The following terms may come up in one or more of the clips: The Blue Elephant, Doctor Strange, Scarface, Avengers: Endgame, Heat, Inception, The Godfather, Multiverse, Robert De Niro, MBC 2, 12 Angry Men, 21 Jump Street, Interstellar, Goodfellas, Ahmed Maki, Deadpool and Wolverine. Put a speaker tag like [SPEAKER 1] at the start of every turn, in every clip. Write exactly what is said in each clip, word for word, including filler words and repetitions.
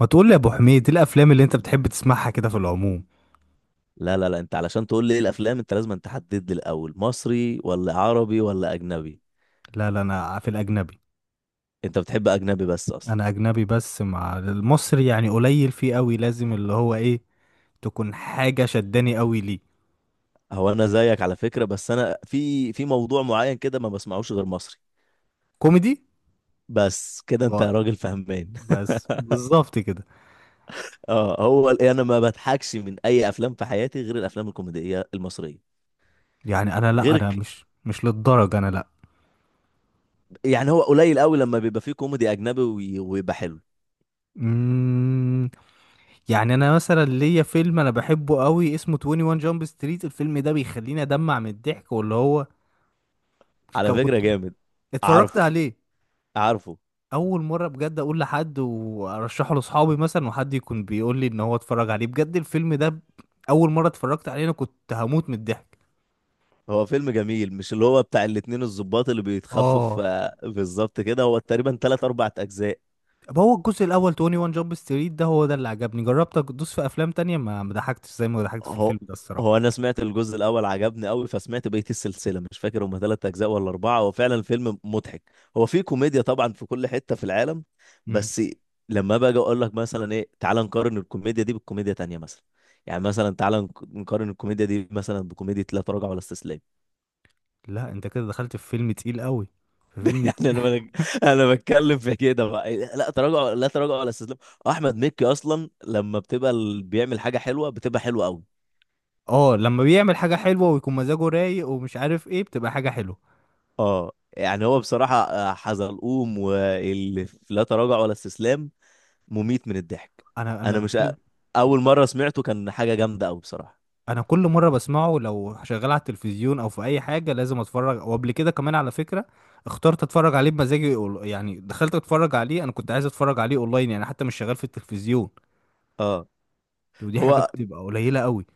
[SPEAKER 1] ما تقول لي يا ابو حميد، ايه الافلام اللي انت بتحب تسمعها كده في العموم؟
[SPEAKER 2] لا، لا، لا، انت علشان تقول لي ايه الافلام انت لازم أن تحدد لي الاول مصري ولا عربي ولا اجنبي.
[SPEAKER 1] لا لا، انا في الاجنبي.
[SPEAKER 2] انت بتحب اجنبي بس اصلا.
[SPEAKER 1] انا اجنبي بس، مع المصري يعني قليل فيه قوي، لازم اللي هو ايه، تكون حاجه شداني قوي ليه.
[SPEAKER 2] هو انا زيك على فكرة، بس انا في في موضوع معين كده ما بسمعوش غير مصري.
[SPEAKER 1] كوميدي.
[SPEAKER 2] بس كده انت
[SPEAKER 1] و-
[SPEAKER 2] يا راجل فهمان.
[SPEAKER 1] بس بالظبط كده.
[SPEAKER 2] اه، هو ال- يعني انا ما بضحكش من اي افلام في حياتي غير الافلام الكوميدية المصرية.
[SPEAKER 1] يعني انا لا،
[SPEAKER 2] غير
[SPEAKER 1] انا
[SPEAKER 2] ك...
[SPEAKER 1] مش مش للدرجه، انا لا.
[SPEAKER 2] يعني هو قليل قوي لما بيبقى فيه كوميدي اجنبي وي- ويبقى حلو.
[SPEAKER 1] مم. يعني انا مثلا ليا فيلم انا بحبه قوي، اسمه واحد وعشرين جامب ستريت، الفيلم ده بيخليني ادمع من الضحك، واللي هو ك-
[SPEAKER 2] على
[SPEAKER 1] كنت
[SPEAKER 2] فكرة جامد.
[SPEAKER 1] اتفرجت
[SPEAKER 2] عارفه،
[SPEAKER 1] عليه
[SPEAKER 2] عارفه.
[SPEAKER 1] اول مره. بجد اقول لحد وارشحه لاصحابي مثلا، وحد يكون بيقول لي ان هو اتفرج عليه بجد الفيلم ده ب- اول مره اتفرجت عليه انا كنت هموت من الضحك.
[SPEAKER 2] هو فيلم جميل، مش اللي هو بتاع الاتنين الضباط اللي بيتخفوا
[SPEAKER 1] اه،
[SPEAKER 2] في بالظبط كده، هو تقريبا تلات أربع أجزاء.
[SPEAKER 1] طب هو الجزء الاول واحد وعشرين جامب ستريت ده هو ده اللي عجبني، جربت ادوس في افلام تانية ما ما ضحكتش زي ما ضحكت في الفيلم
[SPEAKER 2] هو
[SPEAKER 1] ده
[SPEAKER 2] هو
[SPEAKER 1] الصراحه.
[SPEAKER 2] أنا سمعت الجزء الأول عجبني أوي، فسمعت بقية السلسلة، مش فاكر هما تلات أجزاء ولا أربعة، هو فعلا فيلم مضحك. هو فيه كوميديا طبعا في كل حتة في العالم،
[SPEAKER 1] امم
[SPEAKER 2] بس لما باجي أقول لك مثلا إيه، تعال نقارن الكوميديا دي بالكوميديا تانية مثلا. يعني مثلا تعال نق- نقارن الكوميديا دي مثلا بكوميديا لا تراجع ولا استسلام.
[SPEAKER 1] لا انت كده دخلت في فيلم تقيل قوي، في فيلم
[SPEAKER 2] يعني
[SPEAKER 1] تقيل
[SPEAKER 2] انا بك... انا بتكلم في كده بقى إيه، لا تراجع لا تراجع ولا استسلام. احمد مكي اصلا لما بتبقى ال- بيعمل حاجه حلوه بتبقى حلوه قوي.
[SPEAKER 1] اه، لما بيعمل حاجه حلوه ويكون مزاجه رايق ومش عارف ايه بتبقى حاجه حلوه.
[SPEAKER 2] اه يعني هو بصراحه، آه، حزلقوم واللي في لا تراجع ولا استسلام مميت من الضحك.
[SPEAKER 1] انا
[SPEAKER 2] انا
[SPEAKER 1] انا
[SPEAKER 2] مش أ- اول مره سمعته كان حاجه جامده قوي بصراحه.
[SPEAKER 1] انا كل مره بسمعه لو شغال على التلفزيون او في اي حاجه لازم اتفرج، وقبل كده كمان على فكره اخترت اتفرج عليه بمزاجي، أول- يعني دخلت اتفرج عليه انا كنت عايز اتفرج عليه اونلاين، يعني حتى مش شغال في التلفزيون،
[SPEAKER 2] اه،
[SPEAKER 1] ودي حاجه
[SPEAKER 2] هو
[SPEAKER 1] بتبقى قليله قوي.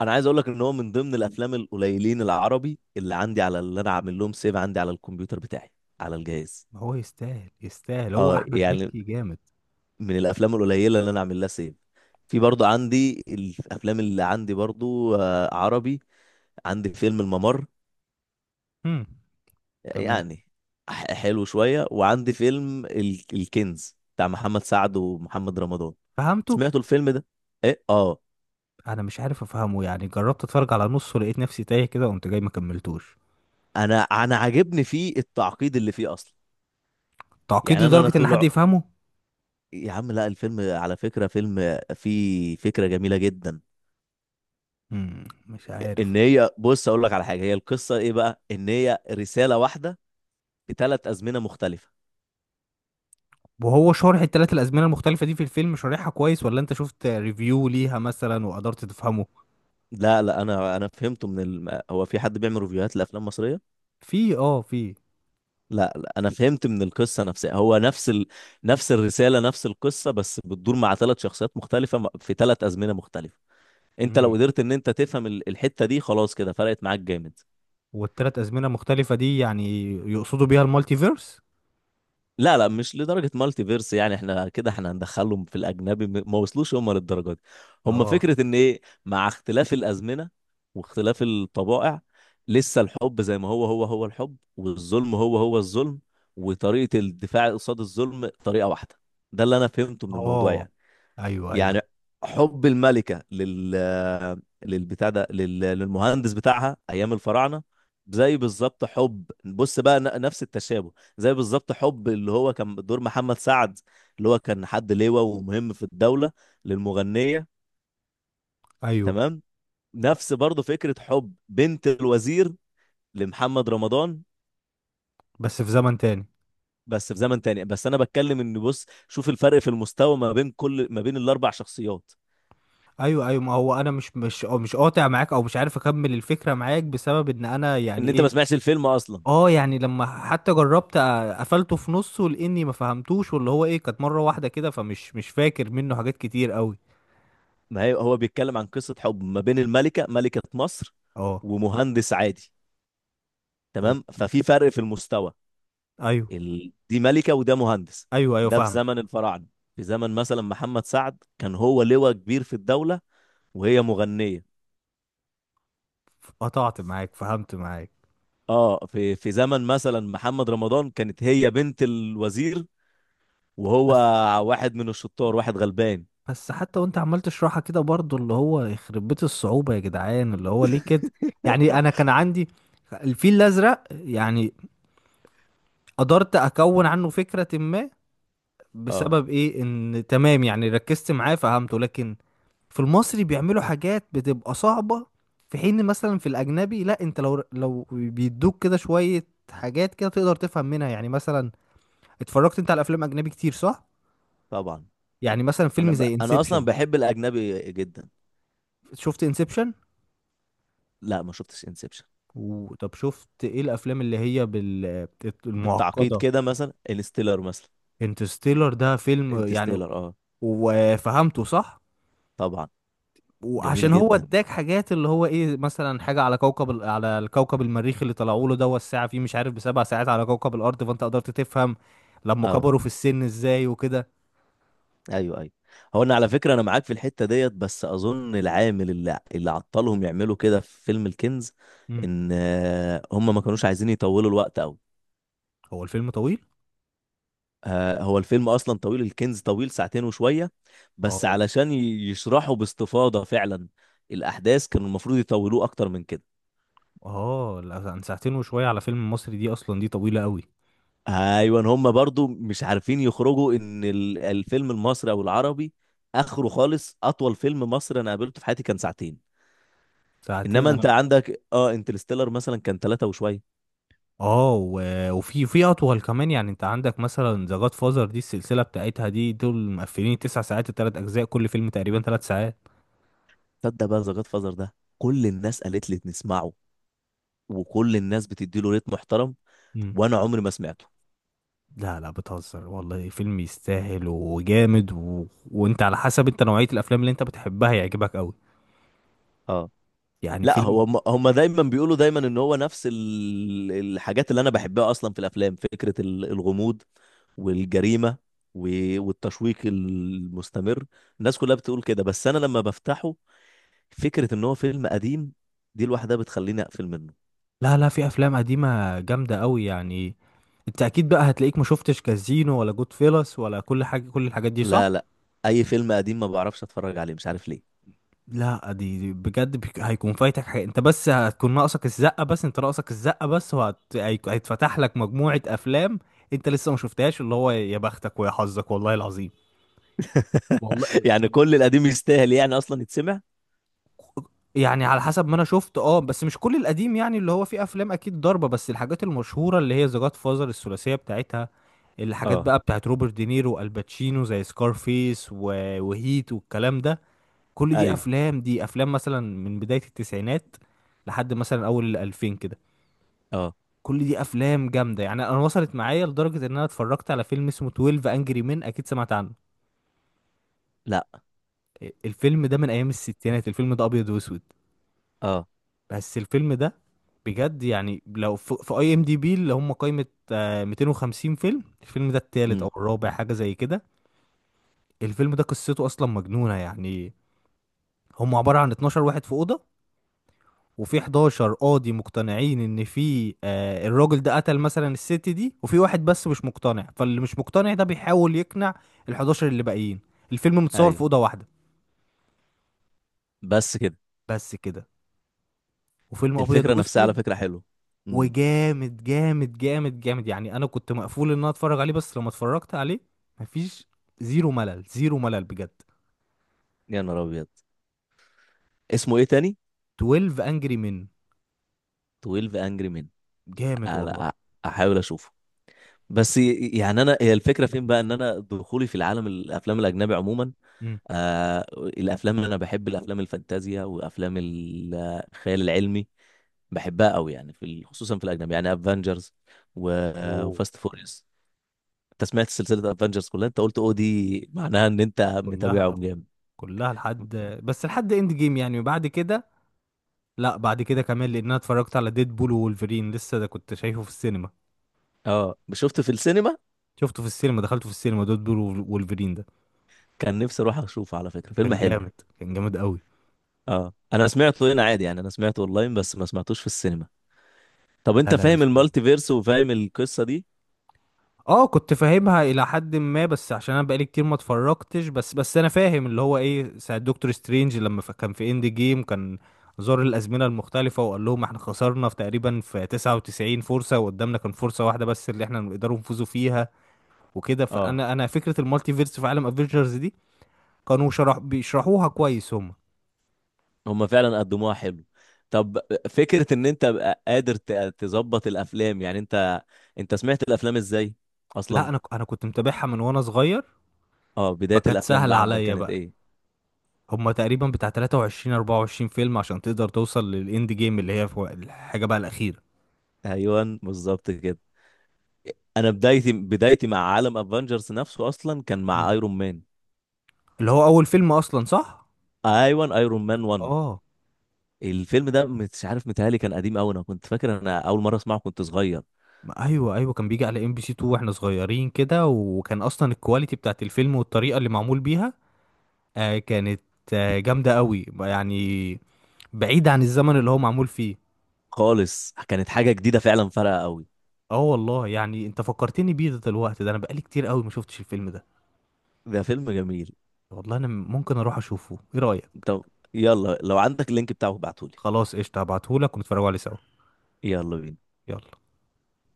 [SPEAKER 2] انا عايز اقول لك ان هو من ضمن الافلام القليلين العربي اللي عندي، على اللي انا عامل لهم سيف عندي على الكمبيوتر بتاعي، على الجهاز.
[SPEAKER 1] ما هو يستاهل يستاهل، هو
[SPEAKER 2] اه
[SPEAKER 1] احمد
[SPEAKER 2] يعني
[SPEAKER 1] مكي جامد.
[SPEAKER 2] من الافلام القليله اللي انا اعمل لها سيف. في برضو عندي الافلام اللي عندي برضو، آه، عربي. عندي فيلم الممر
[SPEAKER 1] هم، تمام،
[SPEAKER 2] يعني، ح- حلو شويه. وعندي فيلم ال- الكنز بتاع محمد سعد ومحمد رمضان.
[SPEAKER 1] فهمته.
[SPEAKER 2] سمعتوا الفيلم ده؟ ايه، اه.
[SPEAKER 1] انا مش عارف افهمه يعني، جربت اتفرج على نصه لقيت نفسي تايه كده قمت جاي ما كملتوش.
[SPEAKER 2] انا انا عاجبني فيه التعقيد اللي فيه اصلا.
[SPEAKER 1] تعقيد
[SPEAKER 2] يعني انا انا
[SPEAKER 1] لدرجه ان حد
[SPEAKER 2] طلع،
[SPEAKER 1] يفهمه.
[SPEAKER 2] يا عم لا الفيلم على فكره فيلم فيه فكره جميله جدا،
[SPEAKER 1] هم، مش
[SPEAKER 2] ان
[SPEAKER 1] عارف.
[SPEAKER 2] هي بص اقول لك على حاجه، هي القصه ايه بقى، ان هي رساله واحده بثلاث ازمنه مختلفه.
[SPEAKER 1] وهو شارح التلات الازمنه المختلفه دي في الفيلم، شارحها كويس ولا انت شفت ريفيو ليها مثلا وقدرت تفهمه؟
[SPEAKER 2] لا، لا، انا انا فهمته من ال... هو في حد بيعمل ريفيوهات لافلام مصريه.
[SPEAKER 1] في اه في.
[SPEAKER 2] لا، لا، انا فهمت من القصه نفسها، هو نفس ال... نفس الرساله نفس القصه، بس بتدور مع ثلاث شخصيات مختلفه، م- في ثلاث ازمنه مختلفه. انت لو
[SPEAKER 1] امم
[SPEAKER 2] قدرت ان انت تفهم ال- الحته دي، خلاص كده فرقت معاك جامد.
[SPEAKER 1] والتلات ازمنه المختلفه دي يعني يقصدوا بيها المالتيفيرس؟
[SPEAKER 2] لا، لا، مش لدرجة مالتي فيرس، يعني احنا كده احنا هندخلهم في الأجنبي، م- ما وصلوش هم للدرجة دي. هم
[SPEAKER 1] اه.
[SPEAKER 2] فكرة إن إيه، مع اختلاف الأزمنة واختلاف الطبائع، لسه الحب زي ما هو، هو هو الحب، والظلم هو هو الظلم، وطريقة الدفاع قصاد الظلم طريقة واحدة. ده اللي أنا فهمته من الموضوع
[SPEAKER 1] اه،
[SPEAKER 2] يعني.
[SPEAKER 1] ايوه ايوه.
[SPEAKER 2] يعني حب الملكة لل للبتاع ده، لل... للمهندس بتاعها ايام الفراعنة، زي بالظبط حب، بص بقى ن- نفس التشابه، زي بالظبط حب اللي هو كان دور محمد سعد، اللي هو كان حد لواء ومهم في الدولة، للمغنية.
[SPEAKER 1] ايوه،
[SPEAKER 2] تمام. نفس برضه فكرة حب بنت الوزير لمحمد رمضان،
[SPEAKER 1] بس في زمن تاني.
[SPEAKER 2] بس في زمن تاني. بس انا بتكلم ان بص شوف الفرق في المستوى ما بين كل ما بين الاربع شخصيات.
[SPEAKER 1] ايوه ايوه، ما هو انا مش مش أو مش قاطع معاك او مش عارف اكمل الفكره معاك بسبب ان انا يعني
[SPEAKER 2] ان انت
[SPEAKER 1] ايه.
[SPEAKER 2] ما سمعتش الفيلم اصلا.
[SPEAKER 1] اه يعني، لما حتى جربت أ- قفلته في نصه لاني ما فهمتوش، واللي هو ايه كانت مره واحده كده فمش مش فاكر منه حاجات كتير قوي.
[SPEAKER 2] ما هي هو بيتكلم عن قصة حب ما بين الملكة، ملكة مصر،
[SPEAKER 1] اه.
[SPEAKER 2] ومهندس عادي.
[SPEAKER 1] و-
[SPEAKER 2] تمام ففي فرق في المستوى.
[SPEAKER 1] ايوه
[SPEAKER 2] ال... دي ملكة وده مهندس.
[SPEAKER 1] ايوه ايوه،
[SPEAKER 2] ده في
[SPEAKER 1] فاهمك.
[SPEAKER 2] زمن الفراعنة. في زمن مثلا محمد سعد كان هو لواء كبير في الدولة وهي مغنية.
[SPEAKER 1] قطعت معاك، فهمت معاك.
[SPEAKER 2] اه في في زمن مثلا محمد رمضان كانت هي بنت الوزير وهو
[SPEAKER 1] بس.
[SPEAKER 2] واحد من الشطار، واحد غلبان.
[SPEAKER 1] بس حتى وانت عمال تشرحها كده برضو اللي هو يخرب بيت الصعوبة يا جدعان، اللي هو ليه كده؟ يعني انا كان عندي الفيل الازرق يعني، قدرت اكون عنه فكرة ما،
[SPEAKER 2] اه،
[SPEAKER 1] بسبب ايه، ان تمام يعني ركزت معاه فهمته. لكن في المصري بيعملوا حاجات بتبقى صعبة، في حين مثلا في الاجنبي لا، انت لو لو بيدوك كده شوية حاجات كده تقدر تفهم منها. يعني مثلا، اتفرجت انت على افلام اجنبي كتير صح؟
[SPEAKER 2] طبعا.
[SPEAKER 1] يعني مثلا
[SPEAKER 2] انا
[SPEAKER 1] فيلم
[SPEAKER 2] ب...
[SPEAKER 1] زي
[SPEAKER 2] انا اصلا
[SPEAKER 1] انسبشن،
[SPEAKER 2] بحب الاجنبي جدا.
[SPEAKER 1] شفت انسبشن؟
[SPEAKER 2] لا، ما شفتش انسبشن.
[SPEAKER 1] وطب شفت ايه الافلام اللي هي بال
[SPEAKER 2] بالتعقيد
[SPEAKER 1] المعقده؟
[SPEAKER 2] كده مثلا انستيلر مثلا.
[SPEAKER 1] انترستيلر ده فيلم يعني،
[SPEAKER 2] انترستيلر، اه،
[SPEAKER 1] وفهمته صح،
[SPEAKER 2] طبعا. جميل
[SPEAKER 1] وعشان هو
[SPEAKER 2] جدا.
[SPEAKER 1] اداك حاجات اللي هو ايه، مثلا حاجه على كوكب ال- على الكوكب المريخ اللي طلعوا له ده، والساعه فيه مش عارف بسبع ساعات على كوكب الارض، فانت قدرت تفهم لما
[SPEAKER 2] اه،
[SPEAKER 1] كبروا في السن ازاي وكده.
[SPEAKER 2] ايوه، ايوه. هو انا على فكره انا معاك في الحته ديت، بس اظن العامل اللي اللي عطلهم يعملوا كده في فيلم الكنز،
[SPEAKER 1] امم
[SPEAKER 2] ان آه، هم ما كانوش عايزين يطولوا الوقت قوي.
[SPEAKER 1] هو الفيلم طويل.
[SPEAKER 2] آه، هو الفيلم اصلا طويل، الكنز طويل ساعتين وشويه، بس
[SPEAKER 1] اه،
[SPEAKER 2] علشان ي- يشرحوا باستفاضه فعلا الاحداث كانوا المفروض يطولوه اكتر من كده.
[SPEAKER 1] اه، لا، عن ساعتين وشويه على فيلم مصري دي اصلا دي طويله قوي.
[SPEAKER 2] ايوه، هم برضو مش عارفين يخرجوا ان ال- الفيلم المصري او العربي اخره خالص. اطول فيلم مصري انا قابلته في حياتي كان ساعتين.
[SPEAKER 1] ساعتين
[SPEAKER 2] انما انت
[SPEAKER 1] انا،
[SPEAKER 2] عندك، اه، انترستيلر مثلا كان ثلاثة وشويه.
[SPEAKER 1] اه، و- وفي في اطول كمان، يعني انت عندك مثلا ذا جاد فازر دي السلسله بتاعتها دي، دول مقفلين تسع ساعات، التلات اجزاء كل فيلم تقريبا تلات ساعات.
[SPEAKER 2] تصدق بقى ذا جاد فازر ده كل الناس قالت لي نسمعه، وكل الناس بتدي له ريت محترم،
[SPEAKER 1] مم.
[SPEAKER 2] وانا عمري ما سمعته.
[SPEAKER 1] لا لا، بتهزر والله، فيلم يستاهل وجامد، و... وانت على حسب انت نوعيه الافلام اللي انت بتحبها يعجبك قوي،
[SPEAKER 2] اه
[SPEAKER 1] يعني
[SPEAKER 2] لا، هو
[SPEAKER 1] فيلم.
[SPEAKER 2] هم هم دايما بيقولوا دايما ان هو نفس ال- الحاجات اللي انا بحبها اصلا في الافلام، فكره ال- الغموض والجريمة، و- والتشويق المستمر، الناس كلها بتقول كده. بس أنا لما بفتحه فكرة إن هو فيلم قديم دي لوحدها بتخليني أقفل منه.
[SPEAKER 1] لا لا، في افلام قديمه جامده قوي يعني، انت اكيد بقى هتلاقيك ما شفتش كازينو ولا جود فيلس ولا كل حاجه، كل الحاجات دي
[SPEAKER 2] لا،
[SPEAKER 1] صح؟
[SPEAKER 2] لا، أي فيلم قديم ما بعرفش أتفرج عليه، مش عارف ليه.
[SPEAKER 1] لا، دي دي بجد بيك- هيكون فايتك حاجة انت، بس هتكون ناقصك الزقة بس، انت ناقصك الزقة بس وهت... هي- هيتفتح لك مجموعة افلام انت لسه ما شفتهاش، اللي هو يا بختك ويا حظك والله العظيم. والله.
[SPEAKER 2] يعني كل القديم يستاهل يعني أصلا يتسمع.
[SPEAKER 1] يعني على حسب ما انا شفت، اه، بس مش كل القديم يعني، اللي هو فيه افلام اكيد ضربة، بس الحاجات المشهورة اللي هي ذا جاد فازر الثلاثية بتاعتها، الحاجات
[SPEAKER 2] اه،
[SPEAKER 1] بقى بتاعت روبرت دينيرو والباتشينو زي سكارفيس و... وهيت والكلام ده، كل دي
[SPEAKER 2] أيوه،
[SPEAKER 1] افلام، دي افلام مثلا من بداية التسعينات لحد مثلا اول الالفين كده،
[SPEAKER 2] اه،
[SPEAKER 1] كل دي افلام جامده. يعني انا وصلت معايا لدرجه ان انا اتفرجت على فيلم اسمه اثنا عشر انجري مين، اكيد سمعت عنه.
[SPEAKER 2] لا،
[SPEAKER 1] إيه، الفيلم ده من ايام الستينات، الفيلم ده ابيض واسود
[SPEAKER 2] اه،
[SPEAKER 1] بس الفيلم ده بجد يعني، لو في اي ام دي بي اللي هم قائمه آه، ميتين وخمسين فيلم، الفيلم ده التالت او
[SPEAKER 2] امم،
[SPEAKER 1] الرابع حاجه زي كده. الفيلم ده قصته اصلا مجنونه يعني، هم عباره عن اتناشر واحد في اوضه، وفي حداشر قاضي مقتنعين ان في آه الراجل ده قتل مثلا الست دي، وفي واحد بس مش مقتنع، فاللي مش مقتنع ده بيحاول يقنع ال الحداشر اللي باقيين. الفيلم متصور في
[SPEAKER 2] أيوه،
[SPEAKER 1] اوضه واحده
[SPEAKER 2] بس كده.
[SPEAKER 1] بس كده، وفيلم ابيض
[SPEAKER 2] الفكرة نفسها على
[SPEAKER 1] واسود،
[SPEAKER 2] فكرة حلوة. امم.
[SPEAKER 1] وجامد جامد جامد جامد. يعني انا كنت مقفول ان انا اتفرج عليه، بس لما اتفرجت عليه مفيش، زيرو ملل زيرو ملل بجد.
[SPEAKER 2] يا نهار أبيض، اسمه إيه تاني؟
[SPEAKER 1] اتناشر انجري من.
[SPEAKER 2] twelve Angry Men.
[SPEAKER 1] جامد والله.
[SPEAKER 2] أنا أحاول أشوفه. بس ي- يعني انا هي الفكره فين بقى، ان انا دخولي في العالم الافلام الاجنبي عموما،
[SPEAKER 1] امم
[SPEAKER 2] آه الافلام اللي انا بحب الافلام الفانتازيا وافلام ال- الخيال العلمي بحبها قوي. يعني في ال- خصوصا في الاجنبي يعني افنجرز
[SPEAKER 1] اوه.
[SPEAKER 2] وفاست فوريوس. انت سمعت سلسله افنجرز كلها، انت قلت، او دي معناها ان انت
[SPEAKER 1] كلها،
[SPEAKER 2] متابعهم جامد.
[SPEAKER 1] كلها لحد، بس لحد اند جيم يعني، وبعد كده لا، بعد كده كمان لان انا اتفرجت على ديد بول وولفرين لسه ده، كنت شايفه في السينما،
[SPEAKER 2] اه، شفته في السينما.
[SPEAKER 1] شفته في السينما، دخلته في السينما ديد بول وولفرين ده.
[SPEAKER 2] كان نفسي اروح اشوفه، على فكره فيلم
[SPEAKER 1] كان
[SPEAKER 2] حلو.
[SPEAKER 1] جامد، كان جامد قوي.
[SPEAKER 2] اه انا سمعته هنا عادي، يعني انا سمعته اونلاين بس ما سمعتوش في السينما. طب
[SPEAKER 1] لا
[SPEAKER 2] انت
[SPEAKER 1] لا،
[SPEAKER 2] فاهم
[SPEAKER 1] يستاهل.
[SPEAKER 2] المالتي فيرس وفاهم القصه دي؟
[SPEAKER 1] اه كنت فاهمها الى حد ما، بس عشان انا بقالي كتير ما اتفرجتش، بس بس انا فاهم اللي هو ايه، ساعة دكتور سترينج لما ف- كان في اند جيم كان زار الازمنه المختلفه وقال لهم احنا خسرنا في تقريبا في تسعة وتسعين فرصه، وقدامنا كان فرصه واحده بس اللي احنا نقدروا نفوزوا فيها وكده.
[SPEAKER 2] اه،
[SPEAKER 1] فانا انا فكره المالتي فيرس في عالم افنجرز كانوا شرح بيشرحوها كويس هم.
[SPEAKER 2] هم فعلا قدموها حلو. طب فكرة ان انت بقى قادر ت- تظبط الافلام، يعني انت انت سمعت الافلام ازاي
[SPEAKER 1] لا
[SPEAKER 2] اصلا؟
[SPEAKER 1] انا ك- انا كنت متابعها من وانا صغير،
[SPEAKER 2] اه، بداية
[SPEAKER 1] فكانت
[SPEAKER 2] الافلام
[SPEAKER 1] سهله
[SPEAKER 2] بقى عندك
[SPEAKER 1] عليا
[SPEAKER 2] كانت
[SPEAKER 1] بقى.
[SPEAKER 2] ايه؟
[SPEAKER 1] هم تقريبا بتاع تلاته وعشرين اربعة وعشرين فيلم عشان تقدر توصل للاند جيم اللي هي في وق- الحاجه بقى الاخيره.
[SPEAKER 2] ايوه بالظبط كده. انا بدايتي بدايتي مع عالم افنجرز نفسه اصلا كان مع
[SPEAKER 1] مم.
[SPEAKER 2] ايرون مان.
[SPEAKER 1] اللي هو اول فيلم اصلا صح.
[SPEAKER 2] ايوه، ايرون مان واحد.
[SPEAKER 1] اه،
[SPEAKER 2] الفيلم ده مش عارف، متهيألي كان قديم قوي، انا كنت فاكر انا اول مرة اسمعه كنت صغير.
[SPEAKER 1] ما ايوه ايوه، كان بيجي على ام بي سي اتنين واحنا صغيرين كده، وكان اصلا الكواليتي بتاعت الفيلم والطريقه اللي معمول بيها، آه كانت، آه جامده قوي يعني، بعيد عن الزمن اللي هو معمول فيه.
[SPEAKER 2] خالص كانت حاجة جديدة فعلا فارقة قوي.
[SPEAKER 1] اه والله، يعني انت فكرتني بيه ده دلوقتي، ده انا بقالي كتير قوي ما شفتش الفيلم ده.
[SPEAKER 2] ده فيلم جميل.
[SPEAKER 1] والله انا ممكن اروح اشوفه، ايه رايك؟
[SPEAKER 2] طب يلا لو عندك اللينك بتاعه ابعتهولي.
[SPEAKER 1] خلاص قشطه، هبعتهولك ونتفرجوا عليه سوا.
[SPEAKER 2] يلا بينا.
[SPEAKER 1] يلا.